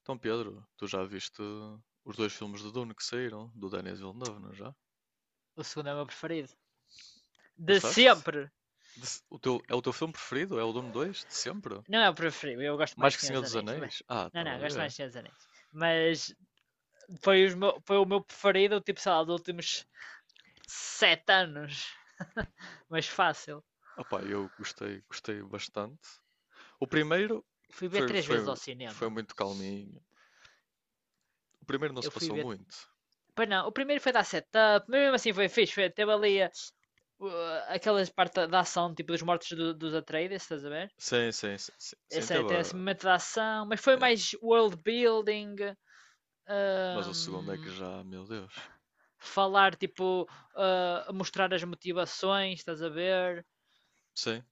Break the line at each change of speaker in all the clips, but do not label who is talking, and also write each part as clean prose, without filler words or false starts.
Então, Pedro, tu já viste os dois filmes do Dune que saíram, do Denis Villeneuve, não é já?
O segundo é o meu preferido. De
Gostaste?
sempre.
De se- É o teu filme preferido? É o Dune 2? De sempre?
Não é o preferido, eu gosto
Mais
mais de
que
Senhor
Senhor
dos
dos
Anéis. Mas...
Anéis? Ah,
Não,
estava
não,
a
gosto mais
ver.
de Senhor dos Anéis. Mas foi o meu preferido, tipo, sei lá, dos últimos 7 anos. Mas fácil.
Opá, eu gostei, gostei bastante. O primeiro
Fui ver
foi,
3 vezes ao
foi, foi
cinema.
muito calminho. O primeiro não se
Eu fui
passou
ver
muito.
Pois não, o primeiro foi dar setup, mas mesmo assim foi fixe, teve ali aquelas partes da ação, tipo dos mortos dos Atreides, estás a ver?
Sim, sim, sim, sim, sim,
Esse aí tem esse momento da ação, mas foi
yeah.
mais world building,
Mas o segundo é que
um,
já, meu Deus.
falar, tipo, mostrar as motivações, estás a ver?
Sim.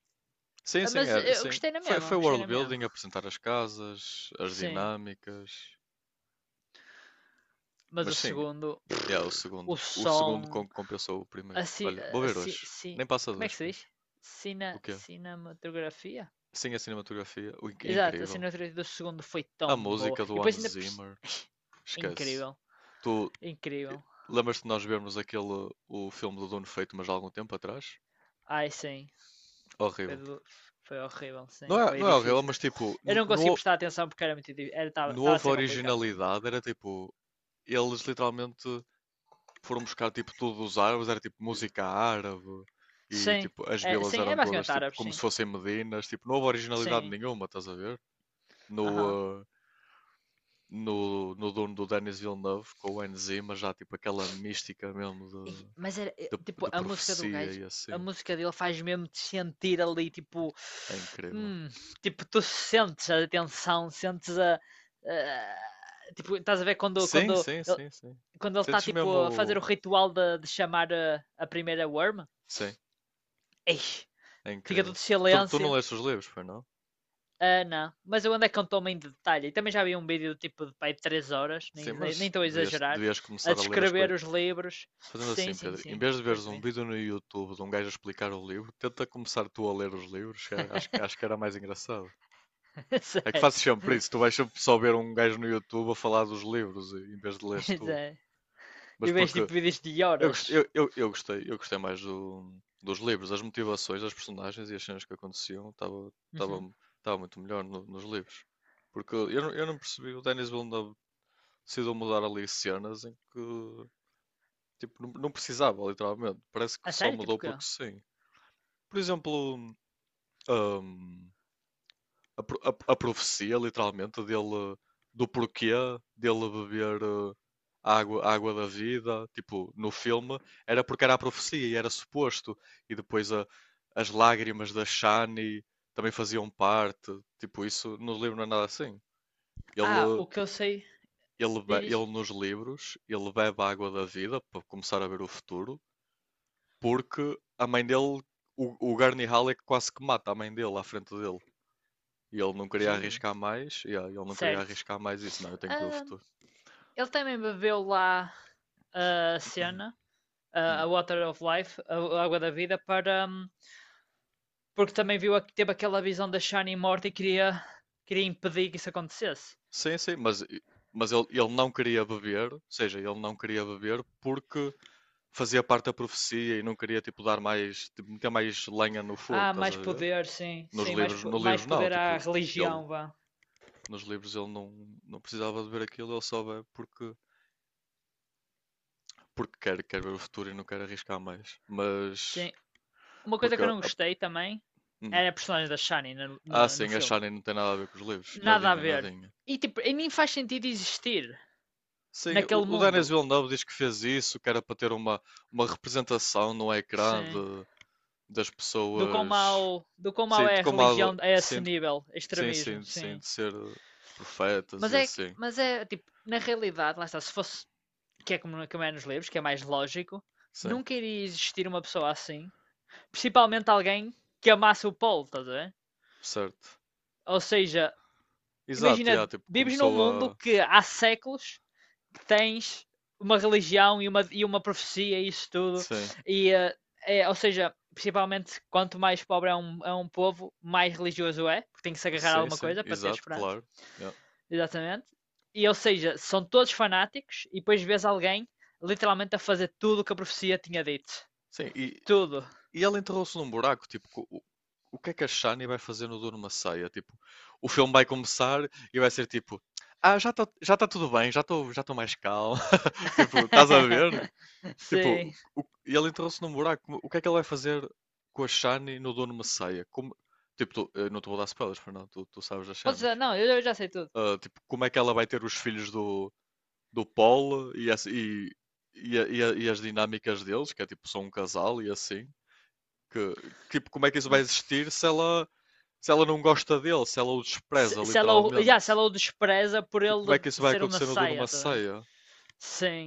Sim,
Ah,
sim,
Mas
era,
eu
sim.
gostei na
Foi
mesma, gostei
world
na mesma.
building, apresentar as casas, as
Sim.
dinâmicas.
Mas o
Mas sim,
segundo,
yeah, o
o
segundo. O segundo
som,
compensou o primeiro.
assim,
Olha, vou ver
assim,
hoje.
sim,
Nem passa
como é que
dois,
se
Pedro.
diz?
O quê?
Cinematografia?
Sim, a cinematografia. É
Exato, a
incrível.
cinematografia do segundo foi
A
tão boa.
música
E
do
depois
Hans
ainda.
Zimmer. Esquece.
Incrível,
Tu, eh,
incrível.
lembras-te de nós vermos aquele o filme do Dono Feito, mas há algum tempo atrás?
Ai sim, foi,
Horrível.
do- foi horrível, sim,
Não é,
foi
não é horrível,
difícil.
mas tipo,
Eu
n-
não consegui
não,
prestar atenção porque era muito difícil, estava
não
a
houve
ser complicado para mim.
originalidade. Era tipo, eles literalmente foram buscar tipo tudo dos árabes, era tipo música árabe e
Sim,
tipo as vilas
sim, é
eram todas
basicamente
tipo
árabes,
como se
sim.
fossem Medinas, tipo não houve originalidade
Sim,
nenhuma, estás a ver?
aham.
No, uh, no dono do Denis Villeneuve com o Enzima, já tipo aquela mística mesmo
Mas é,
de, de,
tipo,
de
a música do
profecia
gajo,
e
a
assim,
música dele faz mesmo te sentir ali,
é incrível.
hum, tipo, tu sentes a tensão, sentes tipo, estás a ver quando,
Sim,
quando
sim,
ele,
sim, sim.
quando ele está,
Sentes
tipo, a fazer o
mesmo.
ritual de chamar a primeira worm?
Sim,
Ei,
é
fica
incrível.
tudo
Tu não
silêncio.
leste os livros, foi não?
Ah, não. Mas eu andei com toma em detalhe. E também já vi um vídeo tipo de pai de 3 horas, nem
Sim,
estou nem
mas
a
devias,
exagerar,
devias
a
começar a ler as,
descrever
coi
os livros.
Fazendo
Sim,
assim,
sim,
Pedro, em
sim.
vez de
Depois
veres
de
um
ver.
vídeo no YouTube de um gajo a explicar o livro, tenta começar tu a ler os livros, acho, acho que era mais engraçado. É que fazes
Certo.
sempre isso, tu vais sempre só ver um gajo no YouTube a falar dos livros, em vez de leres tu.
Exato. E
Mas
vejo
porque
tipo vídeos de
eu, gost-
horas.
eu, eu, eu gostei mais dos livros, as motivações, as personagens e as cenas que aconteciam, estava
Uhum.
estava estava muito melhor nos livros. Porque eu não percebi, o Denis Villeneuve decidiu mudar ali cenas em que tipo, não precisava, literalmente. Parece
A
que só
sério? Tipo
mudou
o quê?
porque sim. Por exemplo, hum, a profecia, literalmente, dele, do porquê dele beber a água da vida, tipo, no filme, era porque era a profecia e era suposto. E depois as lágrimas da Shani também faziam parte. Tipo, isso no livro não é nada assim.
Ah,
Ele,
o que eu sei.
ele, be-
Diz.
ele nos livros, ele bebe a água da vida para começar a ver o futuro, porque a mãe dele, o Gurney Halleck quase que mata a mãe dele à frente dele. E ele não queria
Jesus.
arriscar mais, yeah, ele não queria
Certo.
arriscar mais isso, não, eu tenho que ver o
Ah,
futuro.
ele também bebeu lá a cena,
Hum.
a Water of Life, a água da vida, para porque também viu teve aquela visão da Shani morta e queria, impedir que isso acontecesse.
Sim, sim, mas, mas ele não queria beber, ou seja, ele não queria beber porque fazia parte da profecia e não queria, tipo, dar mais, tipo, meter mais lenha no fogo,
Ah,
estás a
mais
ver?
poder, sim,
Nos
sim, mais,
livros,
po-
nos
mais
livros não,
poder à
tipo, ele,
religião, vá.
nos livros ele não precisava de ver aquilo, ele só vê porque, porque quer ver o futuro e não quer arriscar mais.
Sim. Uma coisa
Porque,
que eu
a-
não
a-
gostei também
hum.
era a personagem da Shani no,
ah,
no, no
sim, a
filme.
Shani não tem nada a ver com os livros,
Nada a
nadinha,
ver.
nadinha.
E tipo, e nem faz sentido existir
Sim,
naquele
o Denis
mundo.
Villeneuve diz que fez isso, que era para ter uma representação no ecrã
Sim.
das pessoas,
Do quão mau
sim,
é a religião a esse
sim,
nível,
sim,
extremismo,
sim, sim,
sim.
de ser profetas
Mas
e
é, que-
assim,
mas é tipo, na realidade, lá está, se fosse que é como é nos livros, que é mais lógico,
sim,
nunca iria existir uma pessoa assim. Principalmente alguém que amasse o Paul, estás a ver?
certo.
Ou seja,
Exato, yeah,
imagina,
tipo,
vives num
começou
mundo
a,
que há séculos que tens uma religião e uma profecia e isso tudo.
sim,
E, ou seja, principalmente quanto mais pobre é um povo, mais religioso é, porque tem que se agarrar a
sim,
alguma
sim,
coisa para ter
exato,
esperança.
claro, yeah.
Exatamente. E, ou seja, são todos fanáticos e depois vês alguém literalmente a fazer tudo o que a profecia tinha dito.
Sim, e,
Tudo.
E ela enterrou-se num buraco, tipo, o que é que a Shani vai fazer no Duro Maceia? Tipo, o filme vai começar e vai ser tipo, já tá tudo bem, já tô mais calmo. Tipo, estás a ver?
Sim.
Tipo, e ela enterrou-se num buraco, o que é que ela vai fazer com a Shani no Duro Maceia? Como, tipo, eu não te vou dar spoilers, Fernando, tu sabes das
Pode
cenas.
ser não, eu já sei tudo.
Ah, tipo, como é que ela vai ter os filhos do Paul e as dinâmicas deles, que é tipo, são um casal e assim. Que, tipo, como é que isso vai existir se ela, não gosta dele, se ela o
Se,
despreza,
se ela, yeah,
literalmente?
se ela o despreza por
Tipo, como é
ele
que isso vai
ser uma
acontecer no dono uma
saia, tá vendo?
ceia?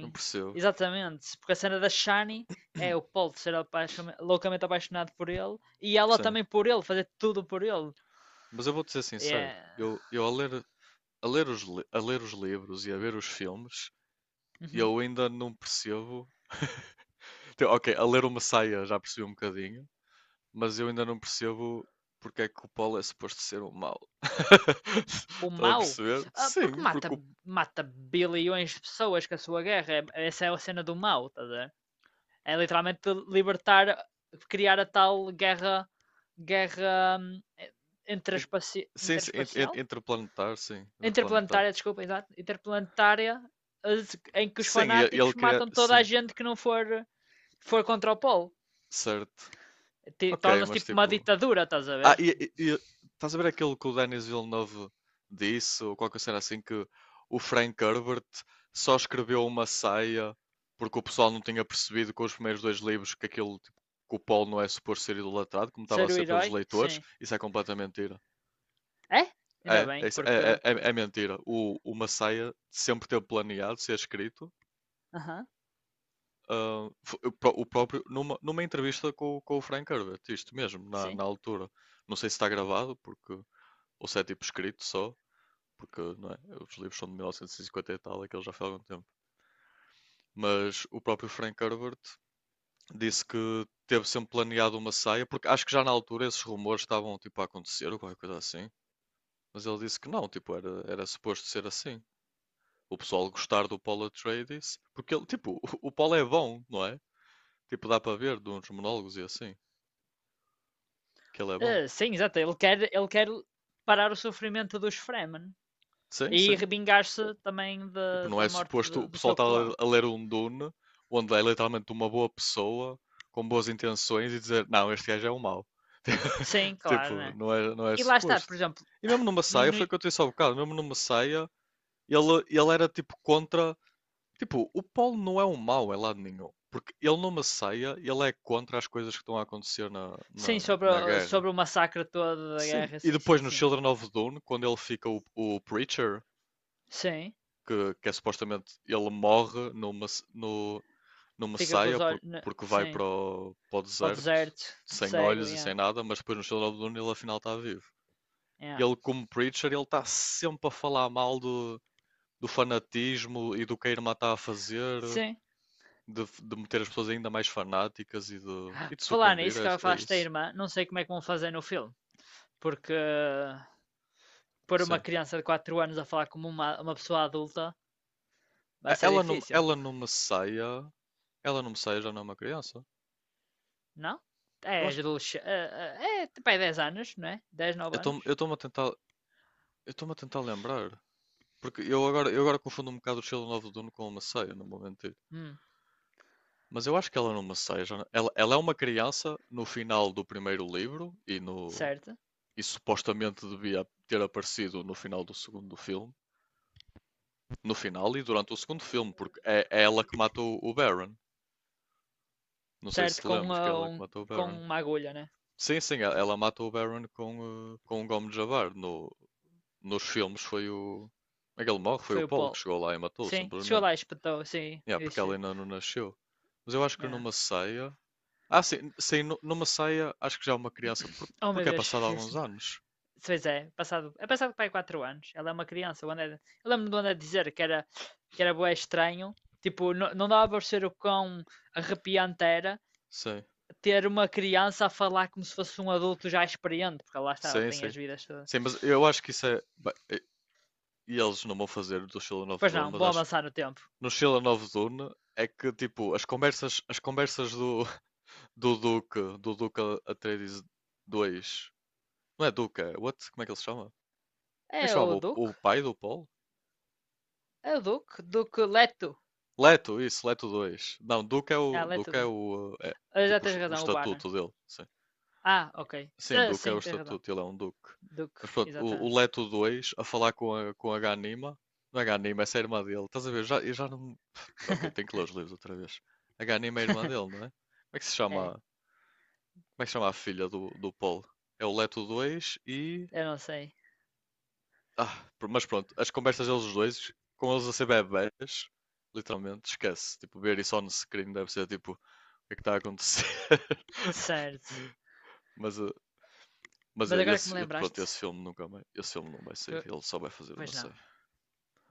Não percebo.
exatamente. Porque a cena da Shani é o Paul ser loucamente apaixonado por ele e ela
Sim.
também por ele, fazer tudo por ele.
Mas eu vou dizer sincero,
É.
eu a, ler os, a ler os livros e a ver os filmes,
Uhum.
eu ainda não percebo. Tipo, Ok, a ler o Messiah já percebi um bocadinho, mas eu ainda não percebo porque é que o Paulo é suposto ser um mau.
O
Estás a
mau?
perceber?
Ah, porque
Sim,
mata, mata bilhões de pessoas com a sua guerra. Essa é a cena do mau, tá a É literalmente libertar, criar a tal guerra, guerra
Ent- sim, sim,
interespacial?
interplanetar, sim, interplanetar.
Interplanetária, desculpa, exato. Interplanetária em que os
Sim, ele
fanáticos
queria.
matam toda a
Sim,
gente que não for contra o polo.
certo. Ok,
Torna-se
mas
tipo uma
tipo.
ditadura, estás a
Ah,
ver?
estás a ver aquilo que o Denis Villeneuve disse, ou qualquer cena assim, que o Frank Herbert só escreveu uma saia porque o pessoal não tinha percebido com os primeiros dois livros que aquilo, tipo, que o Paul não é suposto ser idolatrado, como estava a
Ser o
ser pelos
herói,
leitores.
sim.
Isso é completamente mentira.
É? Ainda
É, é,
bem,
isso- é,
porque.
é, é é mentira. O Messiah sempre teve planeado ser escrito.
Aham,
Ah, o próprio, numa entrevista com o Frank Herbert, isto mesmo, na,
sim.
na altura. Não sei se está gravado, porque, ou se é tipo escrito só, porque não é, os livros são de mil novecentos e cinquenta e tal, aquilo já foi há algum tempo. Mas o próprio Frank Herbert disse que teve sempre planeado uma saia, porque acho que já na altura esses rumores estavam tipo a acontecer ou qualquer coisa assim. Mas ele disse que não, tipo, era suposto ser assim. O pessoal gostar do Paul Atreides, porque ele, tipo, o Paul é bom, não é? Tipo, dá para ver de uns monólogos e assim. Que ele é bom.
Ah, sim, exato. ele quer parar o sofrimento dos Fremen
Sim,
e
sim.
vingar-se também
Tipo,
da,
não
da
é
morte
suposto o
do
pessoal
seu
estar
clã.
a ler um Dune onde é literalmente uma boa pessoa com boas intenções e dizer não, este gajo é um mau.
Sim,
Tipo,
claro, né?
não é, não é
E lá está, por
suposto.
exemplo,
E mesmo no
e
Messiah,
no-
foi o que eu te disse há bocado, mesmo no Messiah, ele era tipo contra. Tipo, o Paulo não é um mau em lado nenhum. Porque ele no Messiah, ele é contra as coisas que estão a acontecer na,
sim,
na,
sobre,
na
o-
guerra.
sobre o massacre todo da
Sim,
guerra,
e
sim,
depois
sim,
no
sim.
Children of Dune, quando ele fica o Preacher,
Sim,
que é supostamente ele morre numa, no, numa
fica com
saia
os olhos,
porque vai para
sim,
o, para o
para o
deserto
deserto,
sem
cego,
olhos e sem
yeah,
nada, mas depois no Children of the Dune ele afinal está vivo.
yeah.
Ele, como Preacher, ele está sempre a falar mal do fanatismo e do que a irmã está a fazer,
Sim.
de meter as pessoas ainda mais fanáticas e de
Falar
sucumbir
nisso
é
que ela
é
falaste da
isso.
irmã, não sei como é que vão fazer no filme, porque pôr uma
Sim.
criança de 4 anos a falar como uma pessoa adulta vai ser
Ela não,
difícil,
ela não me saia. Ela não me saia já não é uma criança.
não?
Eu
É,
acho.
adolescente, é, tipo, é 10 anos, não é? Dez 9
Eu
anos.
estou-me a tentar. Eu estou-me a tentar lembrar. Porque eu agora confundo um bocado o Sheldon of Dune com uma ceia, não vou mentir.
Hum,
Mas eu acho que ela não Masseia. Já não- Ela é uma criança no final do primeiro livro e, no,
certo.
e supostamente devia ter aparecido no final do segundo filme. No final e durante o segundo filme, porque é ela que matou o Baron. Não sei se
Certo,
te
com,
lembras que é
ah,
ela que
um,
matou o
com
Baron.
uma agulha, né?
Sim, sim, ela mata o Baron com o Gomes de Javar. No, nos filmes foi o. Aquele morre, foi o
Foi o
Paulo que
Paul.
chegou lá e matou,
Sim, chegou
simplesmente.
lá e espetou, sim.
Yeah,
Eu
porque ela
disse-lhe,
ainda não nasceu. Mas eu acho que
ah,
numa ceia. Ah, sim, sim, numa ceia acho que já é uma criança.
oh meu
Porque é
Deus,
passado alguns
fizeste-me.
anos.
Pois é, é passado para aí 4 anos. Ela é uma criança. O André, eu lembro do André dizer que era bué estranho. Tipo, não, não dava para ser o quão arrepiante era
Sim,
ter uma criança a falar como se fosse um adulto já experiente, porque lá está, ela
sim,
tem
sim.
as vidas todas.
Sim, mas eu acho que isso é. E eles não vão fazer do Sheila Novo
Pois
Dono,
não,
mas
bom
acho que
avançar no tempo.
No Sheila nova Dono é que tipo, as conversas do Duque Atreides 2. Não é Duque, é. What? Como é que ele se chama? Como é que se
É
chamava?
o
O,
Duke?
o pai do Paul?
É o Duke? Duke Leto.
Leto, isso, Leto dois. Não,
É, Leto.
Duke é o, eh, é é
Ah, já
tipo o, est-
tens
o
razão, o Baron.
estatuto dele. Sim.
Ah, ok.
Sim,
Ah,
Duke é o
sim, tens razão.
estatuto, ele é um Duque.
Duke,
Mas pronto, o,
exatamente.
o Leto 2 a falar com a Ganima. Não é Ganima, essa é a irmã dele. Estás a ver? Eu já não. Ok, tenho que ler os livros outra vez. A Ganima é a irmã dele, não é? Como é que se chama?
É,
Como é que se chama a filha do Paul? É o Leto dois.
eu não sei.
Ah, mas pronto, as conversas deles os dois, com eles a ser bebés, literalmente, esquece. Tipo, ver isso on screen deve ser tipo, o que é que está a acontecer?
Certo.
Mas, eh,
Mas agora que me
pronto,
lembraste,
esse filme não vai sair,
tu...
ele só vai fazer uma
pois não.
série.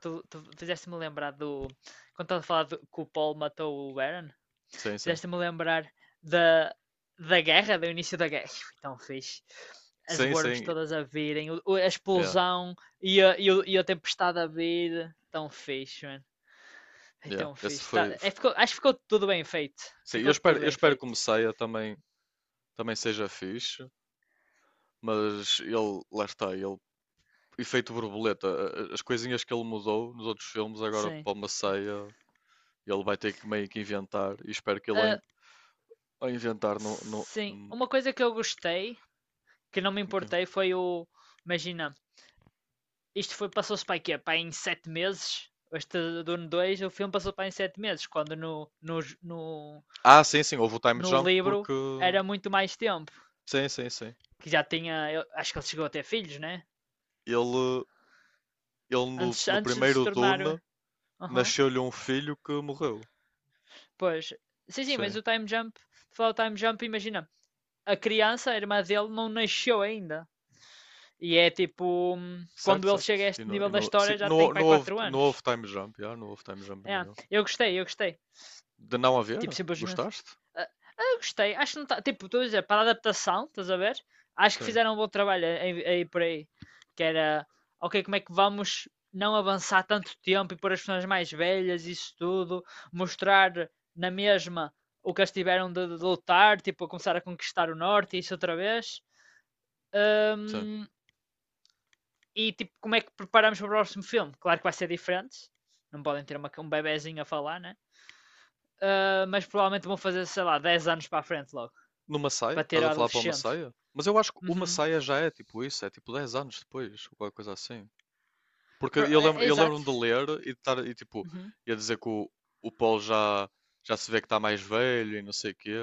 Tu fizeste-me lembrar do. Quando estava a falar que o Paul matou o Aaron,
Sim, sim.
fizeste-me lembrar da, da guerra, do início da guerra. Foi tão fixe. As
Sim,
worms
sim,
todas a virem, a
yeah,
explosão e a tempestade a vir. Tão fixe, mano. É
yeah.
tão
Esse
fixe.
foi, f-
Acho que ficou tudo bem feito.
sim, eu
Ficou
espero,
tudo
eu
bem
espero que
feito.
o Messiah também seja fixe, mas lá está, efeito borboleta, as coisinhas que ele mudou nos outros filmes, agora
Sim.
para o Messiah. Ele vai ter que meio que inventar e espero que ele
Ah,
a inventar
sim. Uma coisa que eu gostei que não me importei foi o. Imagina, passou-se para quê? Para em 7 meses? Este Dune 2 o filme passou para em 7 meses, quando no, no, no,
Ah, sim, sim, houve o time
no
jump
livro
porque
era muito mais tempo.
sim, sim, sim.
Que já tinha. Eu acho que ele chegou a ter filhos, né?
Ele, ele no,
Antes,
no
antes de se
primeiro Dune
tornar. Aham.
nasceu-lhe um filho que morreu.
Pois. Sim, sim, mas
Sim.
o time jump. Falar o time jump, imagina. A criança, a irmã dele, não nasceu ainda. E é tipo.
Certo,
Quando ele
certo.
chega a
E
este
no, e
nível da
no, sim,
história, já tem
não, não
pai
houve,
4
não houve
anos.
time jump, já, não houve time jump
É,
nenhum.
eu gostei, eu gostei.
De não
Tipo,
haver?
simplesmente.
Gostaste?
Ah, ah, gostei. Acho que não tá. Tipo, estou a dizer, para a adaptação, estás a ver? Acho que
Sim,
fizeram um bom trabalho aí por aí. Que era, ok, como é que vamos não avançar tanto tempo e pôr as pessoas mais velhas, isso tudo, mostrar na mesma o que eles tiveram de lutar, tipo, a começar a conquistar o norte e isso outra vez.
sim.
Ahm, e tipo, como é que preparamos para o próximo filme? Claro que vai ser diferente, não podem ter um bebezinho a falar, né? Ah, mas provavelmente vão fazer, sei lá, 10 anos para a frente logo.
No Massaia?
Para ter
Estás
o
a falar para o
adolescente.
Massaia? Mas eu acho que o
Uhum.
Massaia já é tipo isso, é tipo 10 anos depois, ou qualquer coisa assim. Porque eu lembro,
É
eu
exato.
lembro-me de ler e de estar, e tipo,
Uhum.
ia dizer que o Paul já se vê que está mais velho e não sei o quê,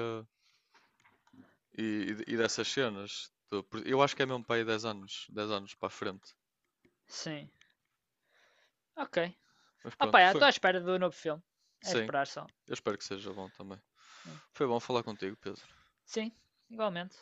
e, e dessas cenas. Eu acho que é mesmo para aí 10 anos, 10 anos para a frente.
Sim. Ok.
Mas
Opa,
pronto, foi.
estou à espera do novo filme. É
Sim,
esperar só.
eu espero que seja bom também.
Hum.
Foi bom falar contigo, Pedro.
Sim, igualmente.